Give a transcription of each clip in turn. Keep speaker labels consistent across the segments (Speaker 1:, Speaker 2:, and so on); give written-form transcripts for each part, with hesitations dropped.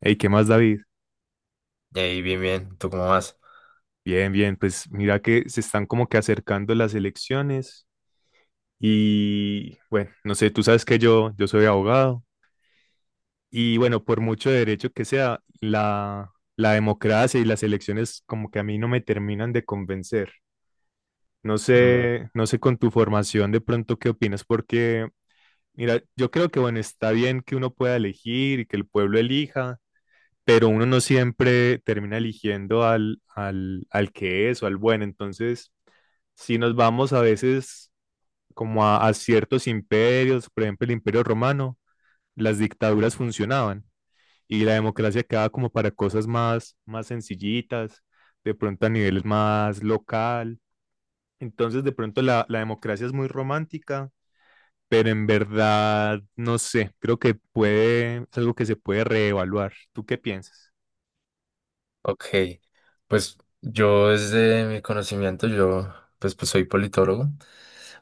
Speaker 1: Hey, ¿qué más, David?
Speaker 2: Y ahí, bien, bien. ¿Tú cómo vas?
Speaker 1: Bien, bien, pues mira que se están como que acercando las elecciones y bueno, no sé, tú sabes que yo soy abogado y bueno, por mucho derecho que sea, la democracia y las elecciones como que a mí no me terminan de convencer. No
Speaker 2: Mm,
Speaker 1: sé, no sé con tu formación de pronto qué opinas, porque mira, yo creo que bueno, está bien que uno pueda elegir y que el pueblo elija, pero uno no siempre termina eligiendo al que es o al bueno. Entonces, si nos vamos a veces como a ciertos imperios, por ejemplo el Imperio Romano, las dictaduras funcionaban y la democracia quedaba como para cosas más, más sencillitas, de pronto a niveles más local. Entonces, de pronto la democracia es muy romántica, pero en verdad, no sé, creo que puede, es algo que se puede reevaluar. ¿Tú qué piensas?
Speaker 2: ok. Pues yo desde mi conocimiento, yo pues, pues soy politólogo.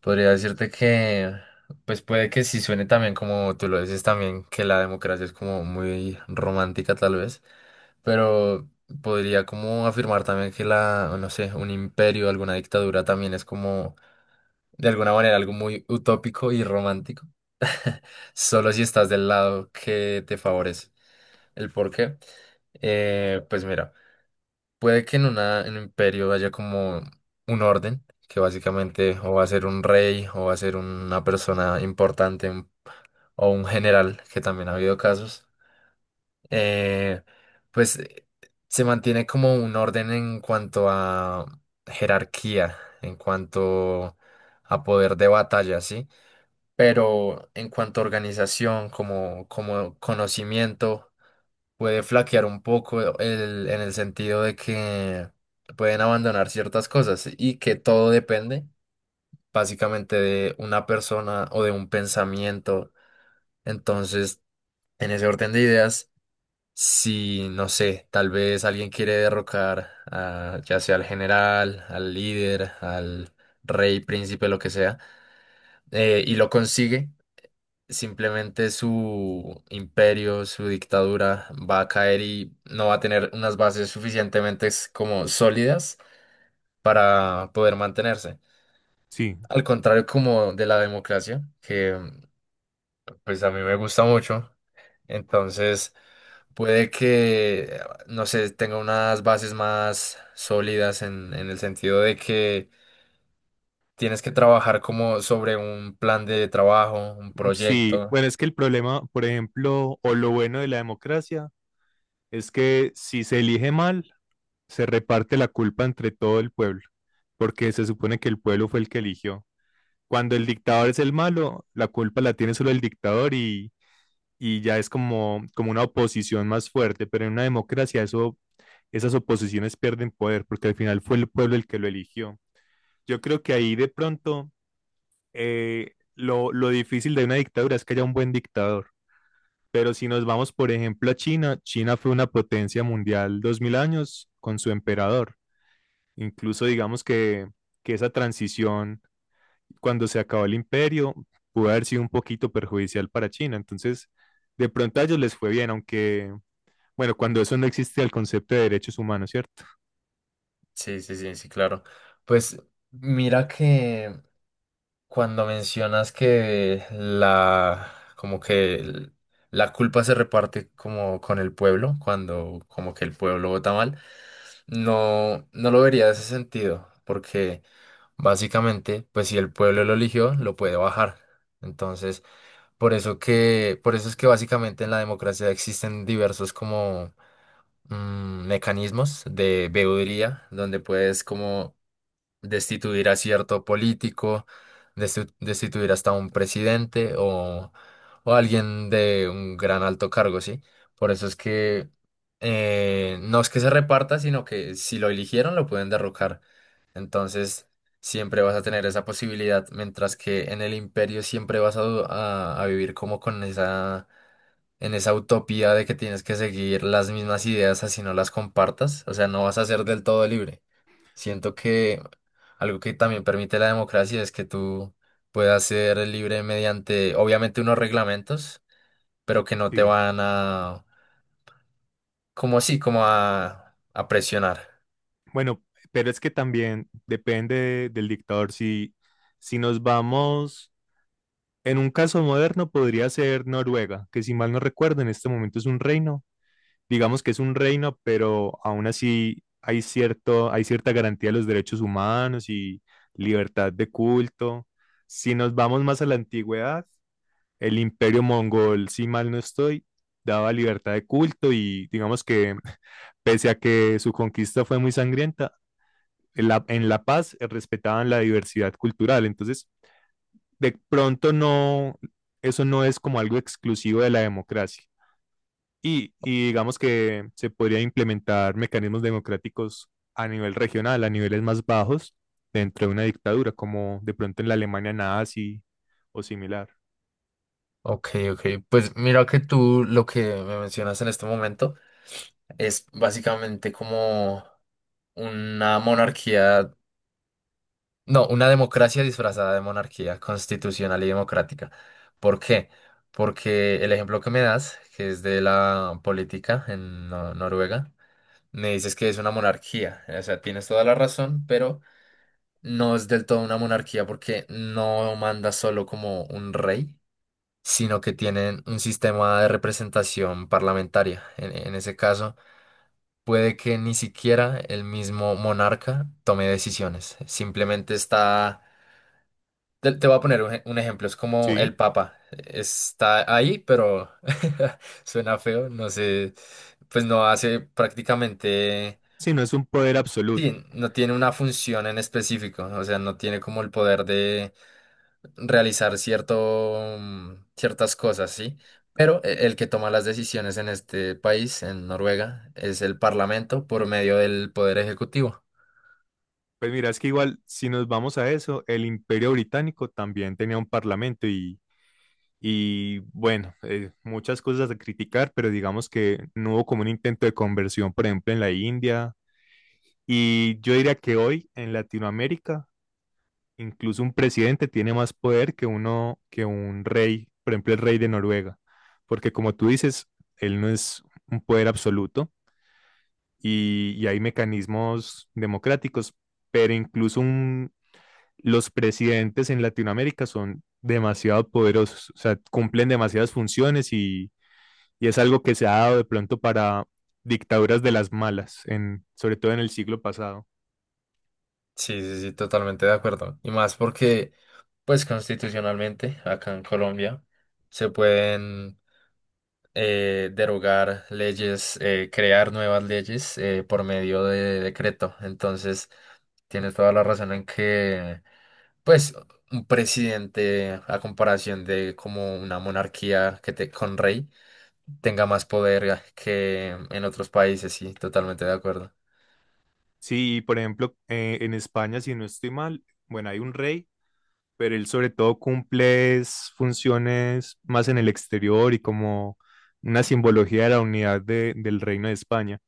Speaker 2: Podría decirte que, pues puede que sí suene también como tú lo dices también, que la democracia es como muy romántica tal vez. Pero podría como afirmar también que la, no sé, un imperio, alguna dictadura también es como de alguna manera algo muy utópico y romántico, solo si estás del lado que te favorece. ¿El por qué? Pues mira, puede que en, una, en un imperio haya como un orden, que básicamente o va a ser un rey o va a ser una persona importante o un general, que también ha habido casos, eh, pues se mantiene como un orden en cuanto a jerarquía, en cuanto a poder de batalla, ¿sí? Pero en cuanto a organización, como, como conocimiento, puede flaquear un poco en el sentido de que pueden abandonar ciertas cosas y que todo depende básicamente de una persona o de un pensamiento. Entonces, en ese orden de ideas, si, no sé, tal vez alguien quiere derrocar a, ya sea al general, al líder, al rey, príncipe, lo que sea, y lo consigue. Simplemente su imperio, su dictadura va a caer y no va a tener unas bases suficientemente como sólidas para poder mantenerse.
Speaker 1: Sí.
Speaker 2: Al contrario como de la democracia, que pues a mí me gusta mucho, entonces puede que, no sé, tenga unas bases más sólidas en el sentido de que tienes que trabajar como sobre un plan de trabajo, un
Speaker 1: Sí,
Speaker 2: proyecto.
Speaker 1: bueno, es que el problema, por ejemplo, o lo bueno de la democracia, es que si se elige mal, se reparte la culpa entre todo el pueblo, porque se supone que el pueblo fue el que eligió. Cuando el dictador es el malo, la culpa la tiene solo el dictador y ya es como, como una oposición más fuerte, pero en una democracia esas oposiciones pierden poder, porque al final fue el pueblo el que lo eligió. Yo creo que ahí de pronto lo difícil de una dictadura es que haya un buen dictador pero si nos vamos, por ejemplo, a China, China fue una potencia mundial 2000 años con su emperador. Incluso que esa transición, cuando se acabó el imperio, pudo haber sido un poquito perjudicial para China. Entonces, de pronto a ellos les fue bien, aunque, bueno, cuando eso no existe el concepto de derechos humanos, ¿cierto?
Speaker 2: Sí, sí, sí, sí, claro. Pues mira que cuando mencionas que la, como que la culpa se reparte como con el pueblo, cuando como que el pueblo vota mal, no, no lo vería de ese sentido, porque básicamente, pues si el pueblo lo eligió, lo puede bajar. Entonces, por eso que, por eso es que básicamente en la democracia existen diversos como mecanismos de veeduría, donde puedes como destituir a cierto político, destituir hasta un presidente o alguien de un gran alto cargo, ¿sí? Por eso es que no es que se reparta, sino que si lo eligieron lo pueden derrocar. Entonces, siempre vas a tener esa posibilidad, mientras que en el imperio siempre vas a, a vivir como con esa... en esa utopía de que tienes que seguir las mismas ideas así no las compartas, o sea, no vas a ser del todo libre. Siento que algo que también permite la democracia es que tú puedas ser libre mediante, obviamente, unos reglamentos, pero que no te
Speaker 1: Sí.
Speaker 2: van a, como así, como a presionar.
Speaker 1: Bueno, pero es que también depende del dictador. Si, si nos vamos, en un caso moderno podría ser Noruega, que si mal no recuerdo, en este momento es un reino. Digamos que es un reino, pero aún así hay cierto, hay cierta garantía de los derechos humanos y libertad de culto. Si nos vamos más a la antigüedad, el imperio mongol, si mal no estoy, daba libertad de culto y digamos que pese a que su conquista fue muy sangrienta, en La Paz respetaban la diversidad cultural. Entonces, de pronto no, eso no es como algo exclusivo de la democracia. Y digamos que se podría implementar mecanismos democráticos a nivel regional, a niveles más bajos, dentro de una dictadura, como de pronto en la Alemania nazi o similar.
Speaker 2: Ok, ok. Pues mira que tú lo que me mencionas en este momento es básicamente como una monarquía. No, una democracia disfrazada de monarquía constitucional y democrática. ¿Por qué? Porque el ejemplo que me das, que es de la política en Noruega, me dices que es una monarquía. O sea, tienes toda la razón, pero no es del todo una monarquía porque no manda solo como un rey, sino que tienen un sistema de representación parlamentaria. En ese caso, puede que ni siquiera el mismo monarca tome decisiones. Simplemente está, te voy a poner un, un ejemplo, es como
Speaker 1: Sí,
Speaker 2: el Papa. Está ahí, pero suena feo, no sé, pues no hace prácticamente,
Speaker 1: si no es un poder absoluto.
Speaker 2: sí, no tiene una función en específico, o sea, no tiene como el poder de realizar cierto, ciertas cosas, ¿sí? Pero el que toma las decisiones en este país, en Noruega, es el Parlamento por medio del Poder Ejecutivo.
Speaker 1: Pues mira, es que igual, si nos vamos a eso, el Imperio Británico también tenía un parlamento y Y bueno, muchas cosas a criticar, pero digamos que no hubo como un intento de conversión, por ejemplo, en la India. Y yo diría que hoy en Latinoamérica, incluso un presidente tiene más poder que uno, que un rey, por ejemplo, el rey de Noruega, porque como tú dices, él no es un poder absoluto y hay mecanismos democráticos, pero los presidentes en Latinoamérica son demasiado poderosos, o sea, cumplen demasiadas funciones Y es algo que se ha dado de pronto para dictaduras de las malas, en, sobre todo en el siglo pasado.
Speaker 2: Sí, sí, sí, totalmente de acuerdo. Y más porque, pues constitucionalmente, acá en Colombia, se pueden derogar leyes, crear nuevas leyes por medio de decreto. Entonces, tienes toda la razón en que, pues, un presidente, a comparación de como una monarquía que te, con rey, tenga más poder que en otros países. Sí, totalmente de acuerdo.
Speaker 1: Sí, por ejemplo, en España, si no estoy mal, bueno, hay un rey, pero él sobre todo cumple es funciones más en el exterior y como una simbología de la unidad de- del reino de España.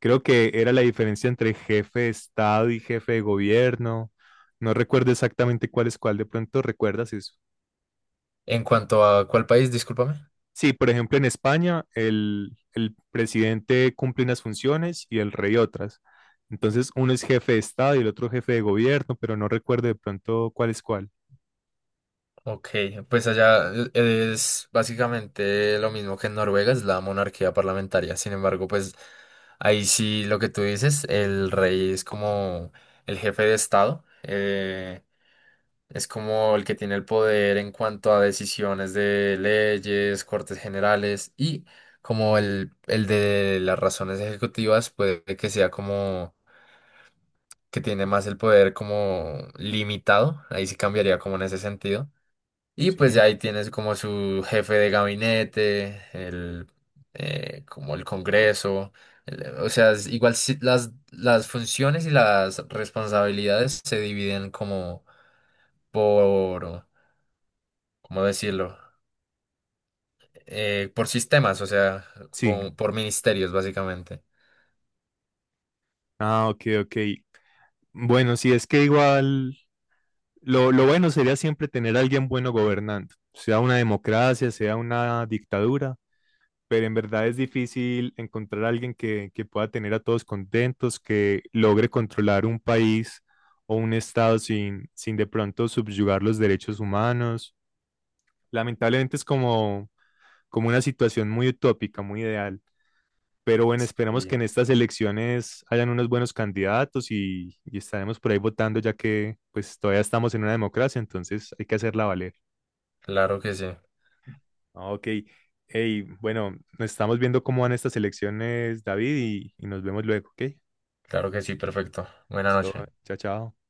Speaker 1: Creo que era la diferencia entre jefe de Estado y jefe de gobierno. No recuerdo exactamente cuál es cuál, de pronto recuerdas eso.
Speaker 2: En cuanto a cuál país, discúlpame.
Speaker 1: Sí, por ejemplo, en España el presidente cumple unas funciones y el rey otras. Entonces, uno es jefe de Estado y el otro jefe de gobierno, pero no recuerdo de pronto cuál es cuál.
Speaker 2: Ok, pues allá es básicamente lo mismo que en Noruega, es la monarquía parlamentaria. Sin embargo, pues ahí sí lo que tú dices, el rey es como el jefe de Estado, es como el que tiene el poder en cuanto a decisiones de leyes, cortes generales y como el de las razones ejecutivas puede que sea como que tiene más el poder como limitado, ahí sí cambiaría como en ese sentido y pues
Speaker 1: Sí,
Speaker 2: ya ahí tienes como su jefe de gabinete, el, como el Congreso. O sea, es igual las funciones y las responsabilidades se dividen como por, ¿cómo decirlo? Por sistemas, o sea,
Speaker 1: sí.
Speaker 2: como por ministerios básicamente.
Speaker 1: Ah, ok, ok. Bueno, sí, es que igual lo bueno sería siempre tener a alguien bueno gobernando, sea una democracia, sea una dictadura. Pero en verdad es difícil encontrar a alguien que pueda tener a todos contentos, que logre controlar un país o un estado sin de pronto subyugar los derechos humanos. Lamentablemente es como, como una situación muy utópica, muy ideal. Pero bueno, esperamos que
Speaker 2: Y
Speaker 1: en estas elecciones hayan unos buenos candidatos y estaremos por ahí votando, ya que pues todavía estamos en una democracia, entonces hay que hacerla valer.
Speaker 2: claro que sí,
Speaker 1: Ah, ok. Hey, bueno, nos estamos viendo cómo van estas elecciones, David, y nos vemos luego, ¿ok?
Speaker 2: claro que sí, perfecto. Buenas
Speaker 1: Listo,
Speaker 2: noches.
Speaker 1: chao, chao.